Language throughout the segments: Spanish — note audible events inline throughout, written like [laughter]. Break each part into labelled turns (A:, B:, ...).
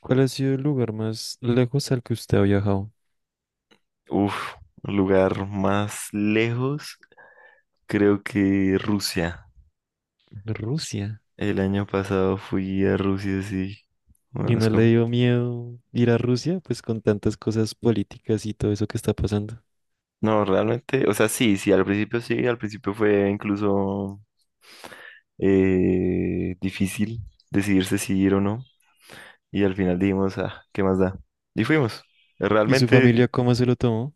A: ¿Cuál ha sido el lugar más lejos al que usted ha viajado?
B: Uf, Lugar más lejos, creo que Rusia.
A: Rusia.
B: El año pasado fui a Rusia, sí.
A: ¿Y
B: Bueno, es
A: no le
B: como...
A: dio miedo ir a Rusia? Pues con tantas cosas políticas y todo eso que está pasando.
B: No, realmente, o sea, sí, al principio sí, al principio fue incluso difícil decidirse si sí ir o no. Y al final dijimos, ah, ¿qué más da? Y fuimos.
A: ¿Y su
B: Realmente,
A: familia cómo se lo tomó?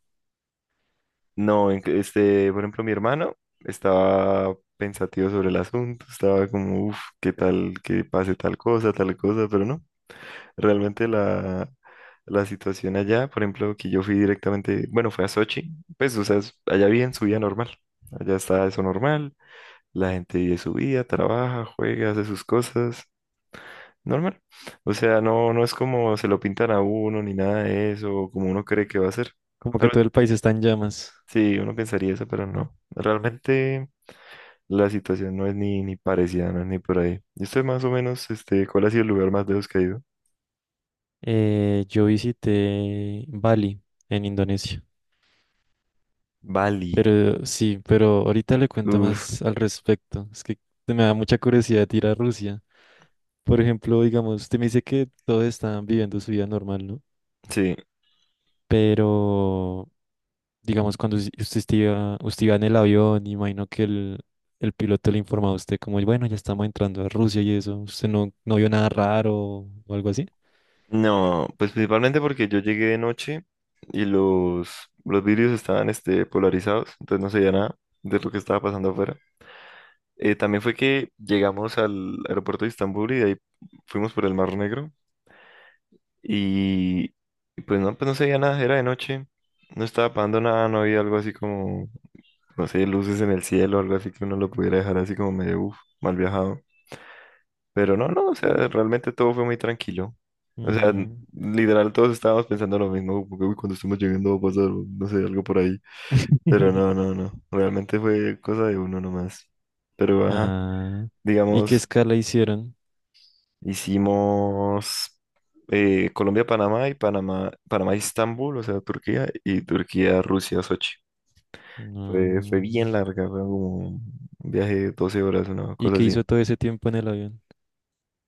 B: no, este, por ejemplo, mi hermano estaba pensativo sobre el asunto, estaba como, ¿qué tal que pase tal cosa, tal cosa? Pero no. Realmente la situación allá, por ejemplo, que yo fui directamente, bueno, fue a Sochi, pues, o sea, allá viven su vida normal, allá está eso normal, la gente vive su vida, trabaja, juega, hace sus cosas, normal. O sea, no es como se lo pintan a uno ni nada de eso, o como uno cree que va a ser.
A: Como que
B: Tal vez,
A: todo el país está en llamas.
B: sí, uno pensaría eso, pero no. Realmente la situación no es ni parecida, no es ni por ahí. Y usted más o menos, este, ¿cuál ha sido el lugar más lejos que ha ido?
A: Yo visité Bali en Indonesia.
B: Bali.
A: Pero sí, pero ahorita le cuento
B: Uf,
A: más al respecto. Es que me da mucha curiosidad ir a Rusia. Por ejemplo, digamos, usted me dice que todos están viviendo su vida normal, ¿no?
B: sí.
A: Pero digamos, cuando usted iba en el avión, imagino que el piloto le informaba a usted como, bueno, ya estamos entrando a Rusia y eso, usted no vio nada raro o algo así.
B: No, pues principalmente porque yo llegué de noche y los vidrios estaban este, polarizados, entonces no se veía nada de lo que estaba pasando afuera. También fue que llegamos al aeropuerto de Estambul y de ahí fuimos por el Mar Negro y, y pues no se veía nada, era de noche, no estaba pasando nada, no había algo así como, no sé, luces en el cielo, algo así que uno lo pudiera dejar así como medio, uf, mal viajado. Pero no, o sea, realmente todo fue muy tranquilo. O sea,
A: Mm.
B: literal todos estábamos pensando lo mismo, como que, "Uy, cuando estemos llegando va a pasar, no sé, algo por ahí. Pero
A: [laughs]
B: no, realmente fue cosa de uno nomás. Pero, ajá,
A: Ah, ¿y qué
B: digamos,
A: escala hicieron?
B: hicimos Colombia-Panamá y Panamá, Panamá-Istambul, o sea, Turquía, y Turquía-Rusia, Sochi. Fue bien
A: Mm,
B: larga, fue como un viaje de 12 horas, una
A: ¿Y
B: cosa
A: qué
B: así.
A: hizo todo ese tiempo en el avión?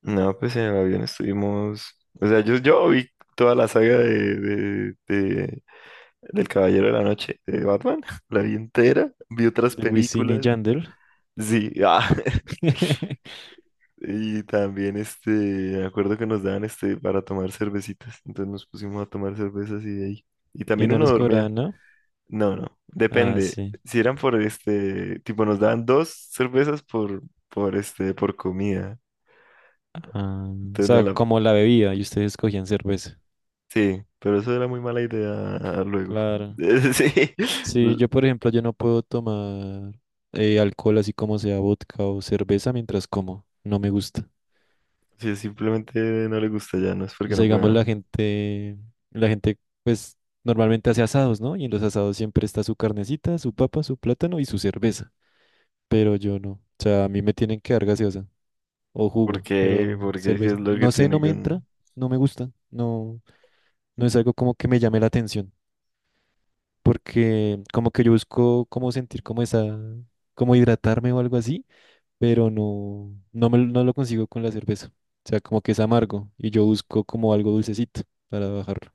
B: No, pues en el avión estuvimos. O sea, yo vi toda la saga de, del Caballero de la Noche de Batman. [laughs] La vi entera. Vi otras
A: De Wisin y
B: películas.
A: Yandel.
B: Sí, ah, [laughs]
A: [laughs]
B: y también este, me acuerdo que nos daban este para tomar cervecitas. Entonces nos pusimos a tomar cervezas y de ahí. Y
A: Y
B: también
A: no
B: uno
A: les
B: dormía.
A: cobraban, ¿no?
B: No,
A: Ah,
B: depende.
A: sí.
B: Si eran por este, tipo, nos daban dos cervezas por este, por comida.
A: Ah, o
B: Entonces no
A: sea,
B: la,
A: como la bebía y ustedes cogían cerveza.
B: sí, pero eso era muy mala idea luego.
A: Claro.
B: [laughs] Sí,
A: Sí,
B: l-
A: yo por ejemplo, yo no puedo tomar alcohol así como sea vodka o cerveza mientras como. No me gusta.
B: sí, simplemente no le gusta ya, no es
A: O
B: porque
A: sea,
B: no
A: digamos
B: pueda.
A: la gente pues normalmente hace asados, ¿no? Y en los asados siempre está su carnecita, su papa, su plátano y su cerveza. Pero yo no. O sea, a mí me tienen que dar gaseosa o
B: ¿Por
A: jugo,
B: qué?
A: pero
B: Porque es que
A: cerveza.
B: es lo que
A: No sé, no
B: tiene
A: me
B: con...
A: entra, no me gusta, no es algo como que me llame la atención. Porque como que yo busco como sentir como esa, como hidratarme o algo así pero no lo consigo con la cerveza. O sea, como que es amargo y yo busco como algo dulcecito para bajarlo.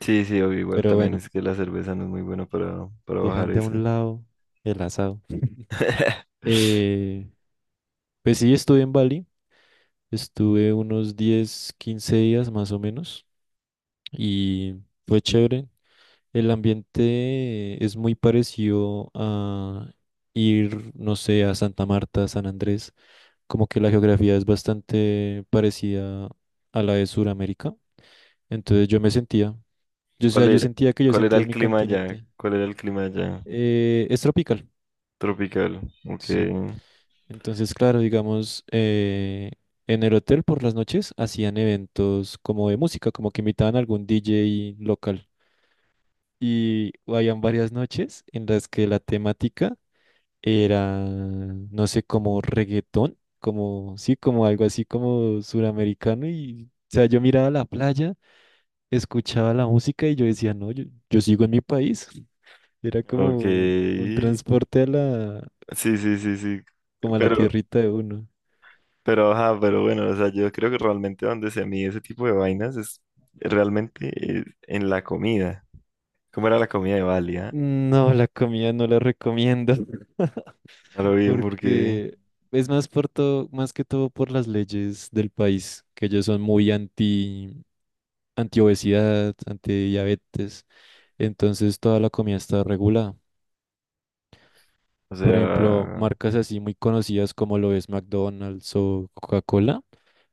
B: Sí, obvio, igual
A: Pero
B: también
A: bueno,
B: es que la cerveza no es muy buena para bajar
A: dejando a
B: ese.
A: un lado el asado.
B: [laughs]
A: Eh, pues sí, estuve en Bali, estuve unos 10, 15 días más o menos y fue chévere. El ambiente es muy parecido a ir, no sé, a Santa Marta, San Andrés, como que la geografía es bastante parecida a la de Sudamérica. Entonces yo me sentía, yo, o sea,
B: ¿Cuál
A: yo
B: era,
A: sentía que yo
B: ¿cuál era
A: sentía en
B: el
A: mi
B: clima allá?
A: continente.
B: ¿Cuál era el clima allá?
A: Es tropical,
B: Tropical. Ok,
A: sí. Entonces, claro, digamos, en el hotel por las noches hacían eventos como de música, como que invitaban a algún DJ local. Y habían varias noches en las que la temática era, no sé, como reggaetón, como, sí, como algo así como suramericano. Y, o sea, yo miraba la playa, escuchaba la música y yo decía, no, yo sigo en mi país. Era
B: ok.
A: como un
B: Sí,
A: transporte a la,
B: sí, sí, sí.
A: como a la
B: Pero,
A: tierrita de uno.
B: pero, ajá, pero bueno, o sea, yo creo que realmente donde se mide ese tipo de vainas es realmente en la comida. ¿Cómo era la comida de Bali, ah?
A: No, la comida no la recomiendo. [laughs]
B: A lo bien, porque,
A: Porque es más por todo, más que todo por las leyes del país, que ellos son muy anti obesidad, anti diabetes, entonces toda la comida está regulada.
B: o
A: Por ejemplo,
B: sea,
A: marcas así muy conocidas como lo es McDonald's o Coca-Cola,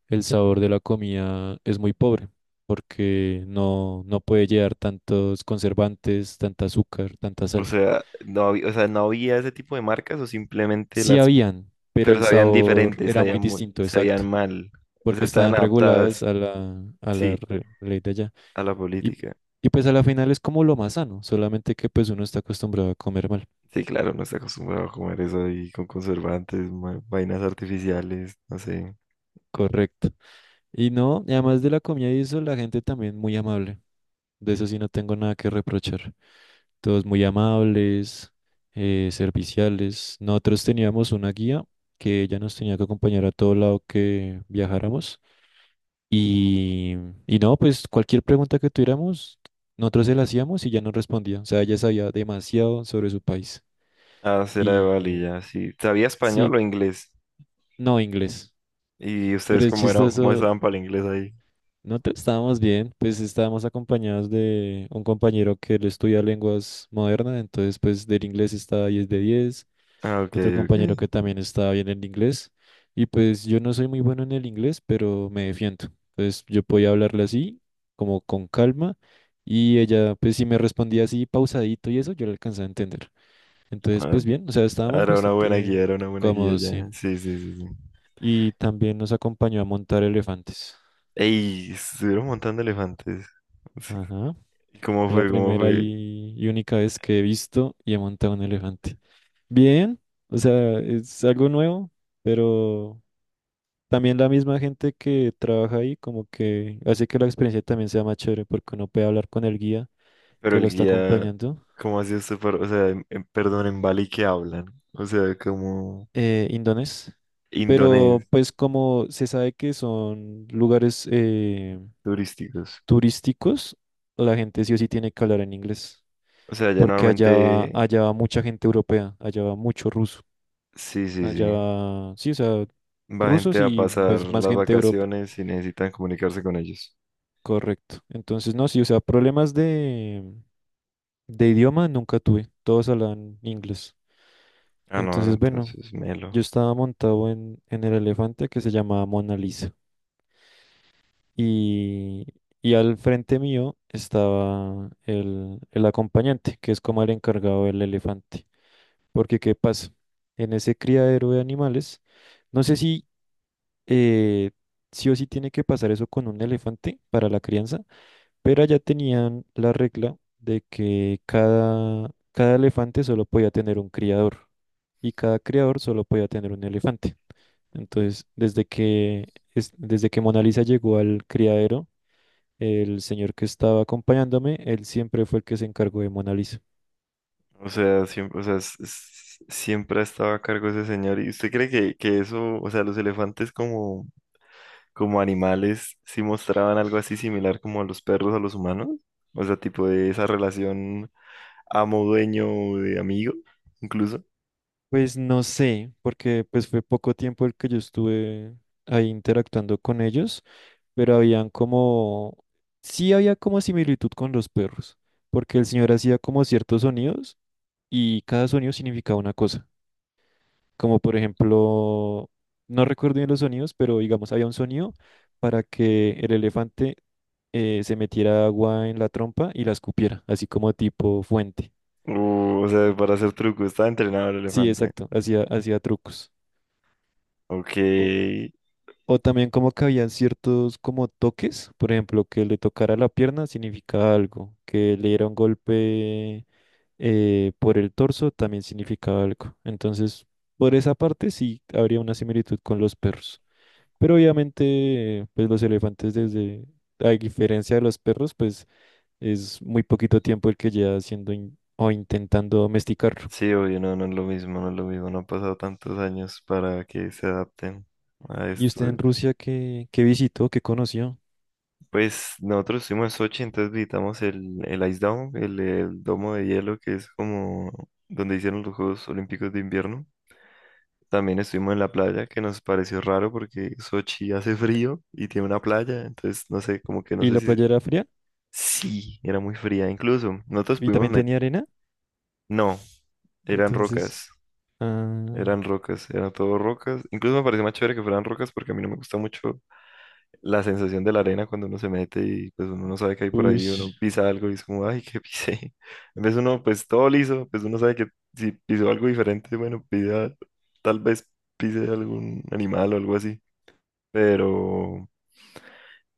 A: el sabor de la comida es muy pobre porque no puede llevar tantos conservantes, tanta azúcar, tanta
B: o
A: sal.
B: sea, no había, o sea, no había ese tipo de marcas o simplemente
A: Sí
B: las,
A: habían, pero el
B: pero sabían
A: sabor
B: diferentes,
A: era muy
B: sabían muy,
A: distinto,
B: sabían
A: exacto,
B: mal, o sea,
A: porque
B: estaban
A: estaban reguladas
B: adaptadas,
A: a la, a la
B: sí,
A: re- ley de allá.
B: a la
A: Y,
B: política.
A: y pues a la final es como lo más sano, solamente que pues uno está acostumbrado a comer mal.
B: Sí, claro, no está acostumbrado a comer eso ahí con conservantes, vainas artificiales, no sé.
A: Correcto. Y no, y además de la comida y eso, la gente también muy amable. De eso sí no tengo nada que reprochar. Todos muy amables, serviciales. Nosotros teníamos una guía que ella nos tenía que acompañar a todo lado que viajáramos. Y, y no, pues cualquier pregunta que tuviéramos, nosotros se la hacíamos y ya nos respondía. O sea, ella sabía demasiado sobre su país.
B: Ah, será de Bali,
A: Y
B: ya, sí. ¿Sabía
A: sí,
B: español o inglés?
A: no inglés.
B: ¿Y
A: Pero
B: ustedes
A: es
B: cómo era, cómo
A: chistoso.
B: estaban para el inglés ahí?
A: No estábamos bien, pues estábamos acompañados de un compañero que él estudia lenguas modernas, entonces pues del inglés está 10 de 10.
B: Ah, ok,
A: Otro
B: ok.
A: compañero que también está bien en inglés, y pues yo no soy muy bueno en el inglés, pero me defiendo. Entonces yo podía hablarle así, como con calma, y ella pues si me respondía así pausadito y eso, yo le alcanzaba a entender. Entonces
B: Ah,
A: pues bien, o sea, estábamos
B: era una buena
A: bastante
B: guía, era una buena guía
A: cómodos, sí.
B: ya. Sí, sí, sí, sí.
A: Y también nos acompañó a montar elefantes.
B: Ey, estuvieron montando elefantes. Sí.
A: Ajá.
B: ¿Y cómo
A: Fue la
B: fue? ¿Cómo
A: primera
B: fue?
A: y única vez que he visto y he montado un elefante. Bien, o sea, es algo nuevo, pero también la misma gente que trabaja ahí como que hace que la experiencia también sea más chévere porque uno puede hablar con el guía
B: Pero
A: que lo
B: el
A: está
B: guía,
A: acompañando,
B: ¿cómo hacía usted para, o sea, perdón, en Bali que hablan? O sea, como
A: indonés. Pero
B: indonés,
A: pues como se sabe que son lugares
B: turísticos.
A: turísticos, la gente sí o sí tiene que hablar en inglés
B: O sea, ya
A: porque allá va,
B: normalmente,
A: allá va mucha gente europea, allá va mucho ruso.
B: sí, sí, sí.
A: Allá, sí, o sea,
B: Va gente
A: rusos
B: a
A: y
B: pasar
A: pues más
B: las
A: gente de Europa.
B: vacaciones y necesitan comunicarse con ellos.
A: Correcto. Entonces, no, sí, o sea, problemas de idioma nunca tuve. Todos hablan inglés.
B: Ah, no,
A: Entonces, bueno,
B: entonces,
A: yo
B: melo.
A: estaba montado en el elefante que se llamaba Mona Lisa. Y, y al frente mío estaba el acompañante, que es como el encargado del elefante. Porque, ¿qué pasa? En ese criadero de animales, no sé si eh, sí o sí tiene que pasar eso con un elefante para la crianza, pero allá tenían la regla de que cada elefante solo podía tener un criador y cada criador solo podía tener un elefante. Entonces, desde que Mona Lisa llegó al criadero, el señor que estaba acompañándome, él siempre fue el que se encargó de Mona Lisa.
B: O sea, siempre, o sea, siempre ha estado a cargo ese señor. ¿Y usted cree que eso, o sea, los elefantes como, como animales, sí mostraban algo así similar como a los perros, a los humanos? O sea, tipo de esa relación amo-dueño de amigo, incluso.
A: Pues no sé, porque pues fue poco tiempo el que yo estuve ahí interactuando con ellos, pero habían como, sí había como similitud con los perros, porque el señor hacía como ciertos sonidos y cada sonido significaba una cosa, como por ejemplo, no recuerdo bien los sonidos, pero digamos había un sonido para que el elefante se metiera agua en la trompa y la escupiera, así como tipo fuente.
B: O sea, para hacer truco, está entrenado el
A: Sí,
B: elefante.
A: exacto, hacía trucos.
B: Ok,
A: O también como que habían ciertos como toques, por ejemplo, que le tocara la pierna significaba algo, que le diera un golpe por el torso también significaba algo. Entonces, por esa parte sí habría una similitud con los perros. Pero obviamente, pues los elefantes desde, a diferencia de los perros, pues es muy poquito tiempo el que lleva haciendo o intentando domesticar.
B: sí, obvio, no, no es lo mismo, no es lo mismo, no han pasado tantos años para que se adapten a
A: ¿Y
B: esto.
A: usted en Rusia qué, visitó, qué conoció?
B: Pues nosotros estuvimos en Sochi, entonces visitamos el Ice Dome, el domo de hielo que es como donde hicieron los Juegos Olímpicos de invierno. También estuvimos en la playa, que nos pareció raro porque Sochi hace [laughs] frío y tiene una playa, entonces no sé, como que no
A: ¿Y
B: sé
A: la
B: si...
A: playa era fría?
B: Sí, era muy fría incluso. Nosotros
A: ¿Y
B: pudimos
A: también tenía arena?
B: no, eran
A: Entonces,
B: rocas,
A: ah,
B: eran rocas, eran todo rocas. Incluso me pareció más chévere que fueran rocas porque a mí no me gusta mucho la sensación de la arena cuando uno se mete y pues uno no sabe que hay por
A: uy,
B: ahí, uno pisa algo y es como, ay, ¿qué pisé? [laughs] En vez uno, pues todo liso, pues uno sabe que si pisó algo diferente, bueno, pida, tal vez pise algún animal o algo así, pero,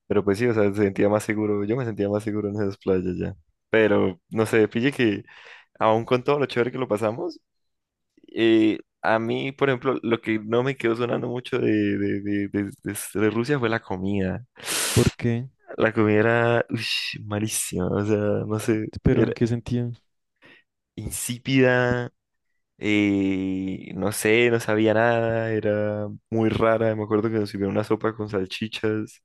B: pero pues sí, o sea, se sentía más seguro, yo me sentía más seguro en esas playas ya, pero no sé, pille que aún con todo lo chévere que lo pasamos, eh, a mí, por ejemplo, lo que no me quedó sonando mucho de, de Rusia fue la comida.
A: ¿por qué?
B: La comida era uish, malísima, o sea, no sé,
A: ¿Pero
B: era
A: en qué sentido?
B: insípida, no sé, no sabía nada, era muy rara. Me acuerdo que nos sirvieron una sopa con salchichas.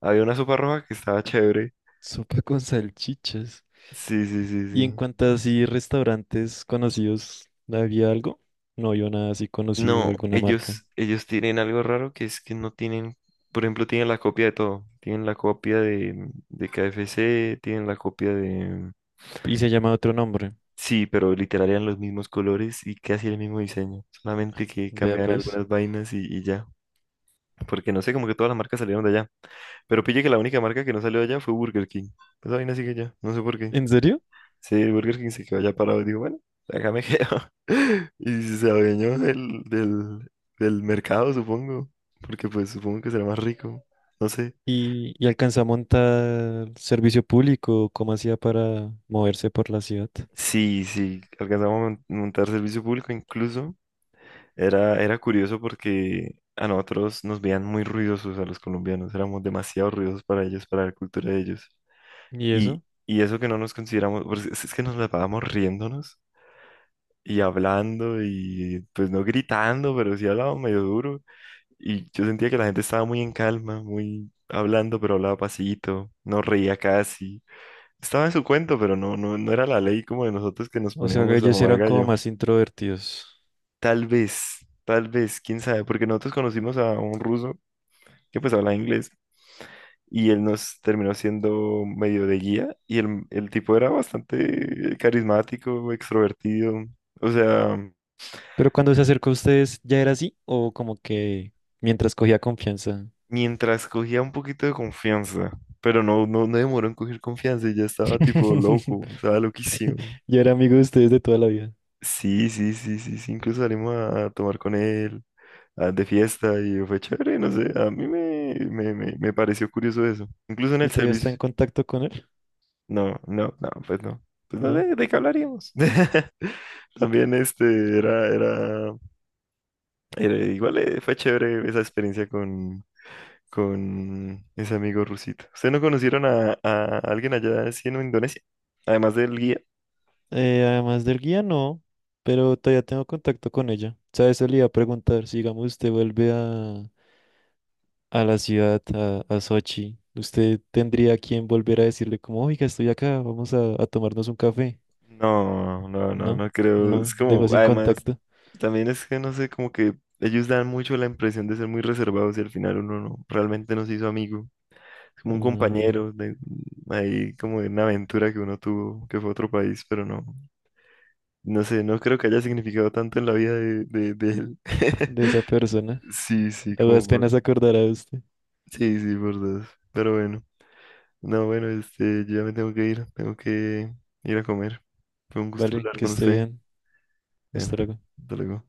B: Había una sopa roja que estaba chévere.
A: Sopa con salchichas.
B: Sí, sí, sí,
A: ¿Y en
B: sí.
A: cuanto a así restaurantes conocidos, había algo? No vio nada así conocido,
B: No,
A: alguna marca.
B: ellos tienen algo raro que es que no tienen, por ejemplo, tienen la copia de todo. Tienen la copia de, KFC, tienen la copia de,
A: Y se llama otro nombre.
B: sí, pero literal eran los mismos colores y casi el mismo diseño, solamente que
A: Vea
B: cambiaban
A: pues.
B: algunas vainas y ya, porque no sé, como que todas las marcas salieron de allá, pero pille que la única marca que no salió de allá fue Burger King, esa vaina sigue allá, no sé por qué,
A: ¿En serio?
B: sí, Burger King se quedó allá parado y digo, bueno, acá me quedo, [laughs] y si se adueñó del mercado, supongo, porque pues supongo que será más rico, no sé.
A: ¿Y alcanza a montar servicio público? ¿Cómo hacía para moverse por la ciudad?
B: Sí, sí, alcanzamos a montar servicio público incluso. Era curioso porque a nosotros nos veían muy ruidosos a los colombianos, éramos demasiado ruidosos para ellos, para la cultura de ellos.
A: ¿Y
B: Y,
A: eso?
B: y eso que no nos consideramos, pues, es que nos la pasábamos riéndonos y hablando y pues no gritando, pero sí hablábamos medio duro. Y yo sentía que la gente estaba muy en calma, muy hablando, pero hablaba pasito, no reía casi. Estaba en su cuento, pero no, no era la ley como de nosotros que nos
A: O sea, que
B: poníamos a
A: ellos
B: mamar
A: eran como
B: gallo.
A: más introvertidos.
B: Tal vez, tal vez, quién sabe, porque nosotros conocimos a un ruso que pues habla inglés y él nos terminó siendo medio de guía y el tipo era bastante carismático, extrovertido, o sea,
A: Pero cuando se acercó a ustedes, ¿ya era así? ¿O como que mientras cogía confianza?
B: mientras cogía un poquito de confianza, pero no, no demoró en coger confianza y ya estaba tipo
A: [laughs]
B: loco, estaba loquísimo.
A: Ya era amigo de ustedes de toda la vida.
B: Sí, sí, sí, sí, sí, incluso salimos a tomar con él. Ah, de fiesta y fue chévere, no sé, a mí me pareció curioso eso. Incluso en
A: ¿Y
B: el
A: todavía está en
B: servicio,
A: contacto con él?
B: no, no, no, pues no. Pues no
A: No.
B: de ¿de qué hablaríamos? [laughs] También este era igual fue chévere esa experiencia con ese amigo rusito. ¿Ustedes no conocieron a alguien allá así en Indonesia? Además del guía.
A: Además del guía, no. Pero todavía tengo contacto con ella. ¿Sabes? Eso le iba a preguntar. Si, digamos, usted vuelve a la ciudad, a Sochi, ¿usted tendría a quien volver a decirle como, oiga, estoy acá, vamos a tomarnos un café?
B: No, no, no,
A: No,
B: no creo. Es
A: no, dejó
B: como,
A: sin
B: además,
A: contacto
B: también es que no sé, como que ellos dan mucho la impresión de ser muy reservados y al final uno no, realmente no se hizo amigo. Es como un
A: mm,
B: compañero de ahí, como de una aventura que uno tuvo, que fue a otro país, pero no, no sé, no creo que haya significado tanto en la vida de él.
A: de
B: [laughs]
A: esa persona.
B: Sí, sí,
A: A las penas acordará usted.
B: sí, sí, por dos. Pero bueno, no, bueno, este, yo ya me tengo que ir a comer. Fue un gusto
A: Vale,
B: hablar
A: que
B: con
A: esté
B: usted.
A: bien.
B: Bueno,
A: Hasta luego.
B: hasta luego.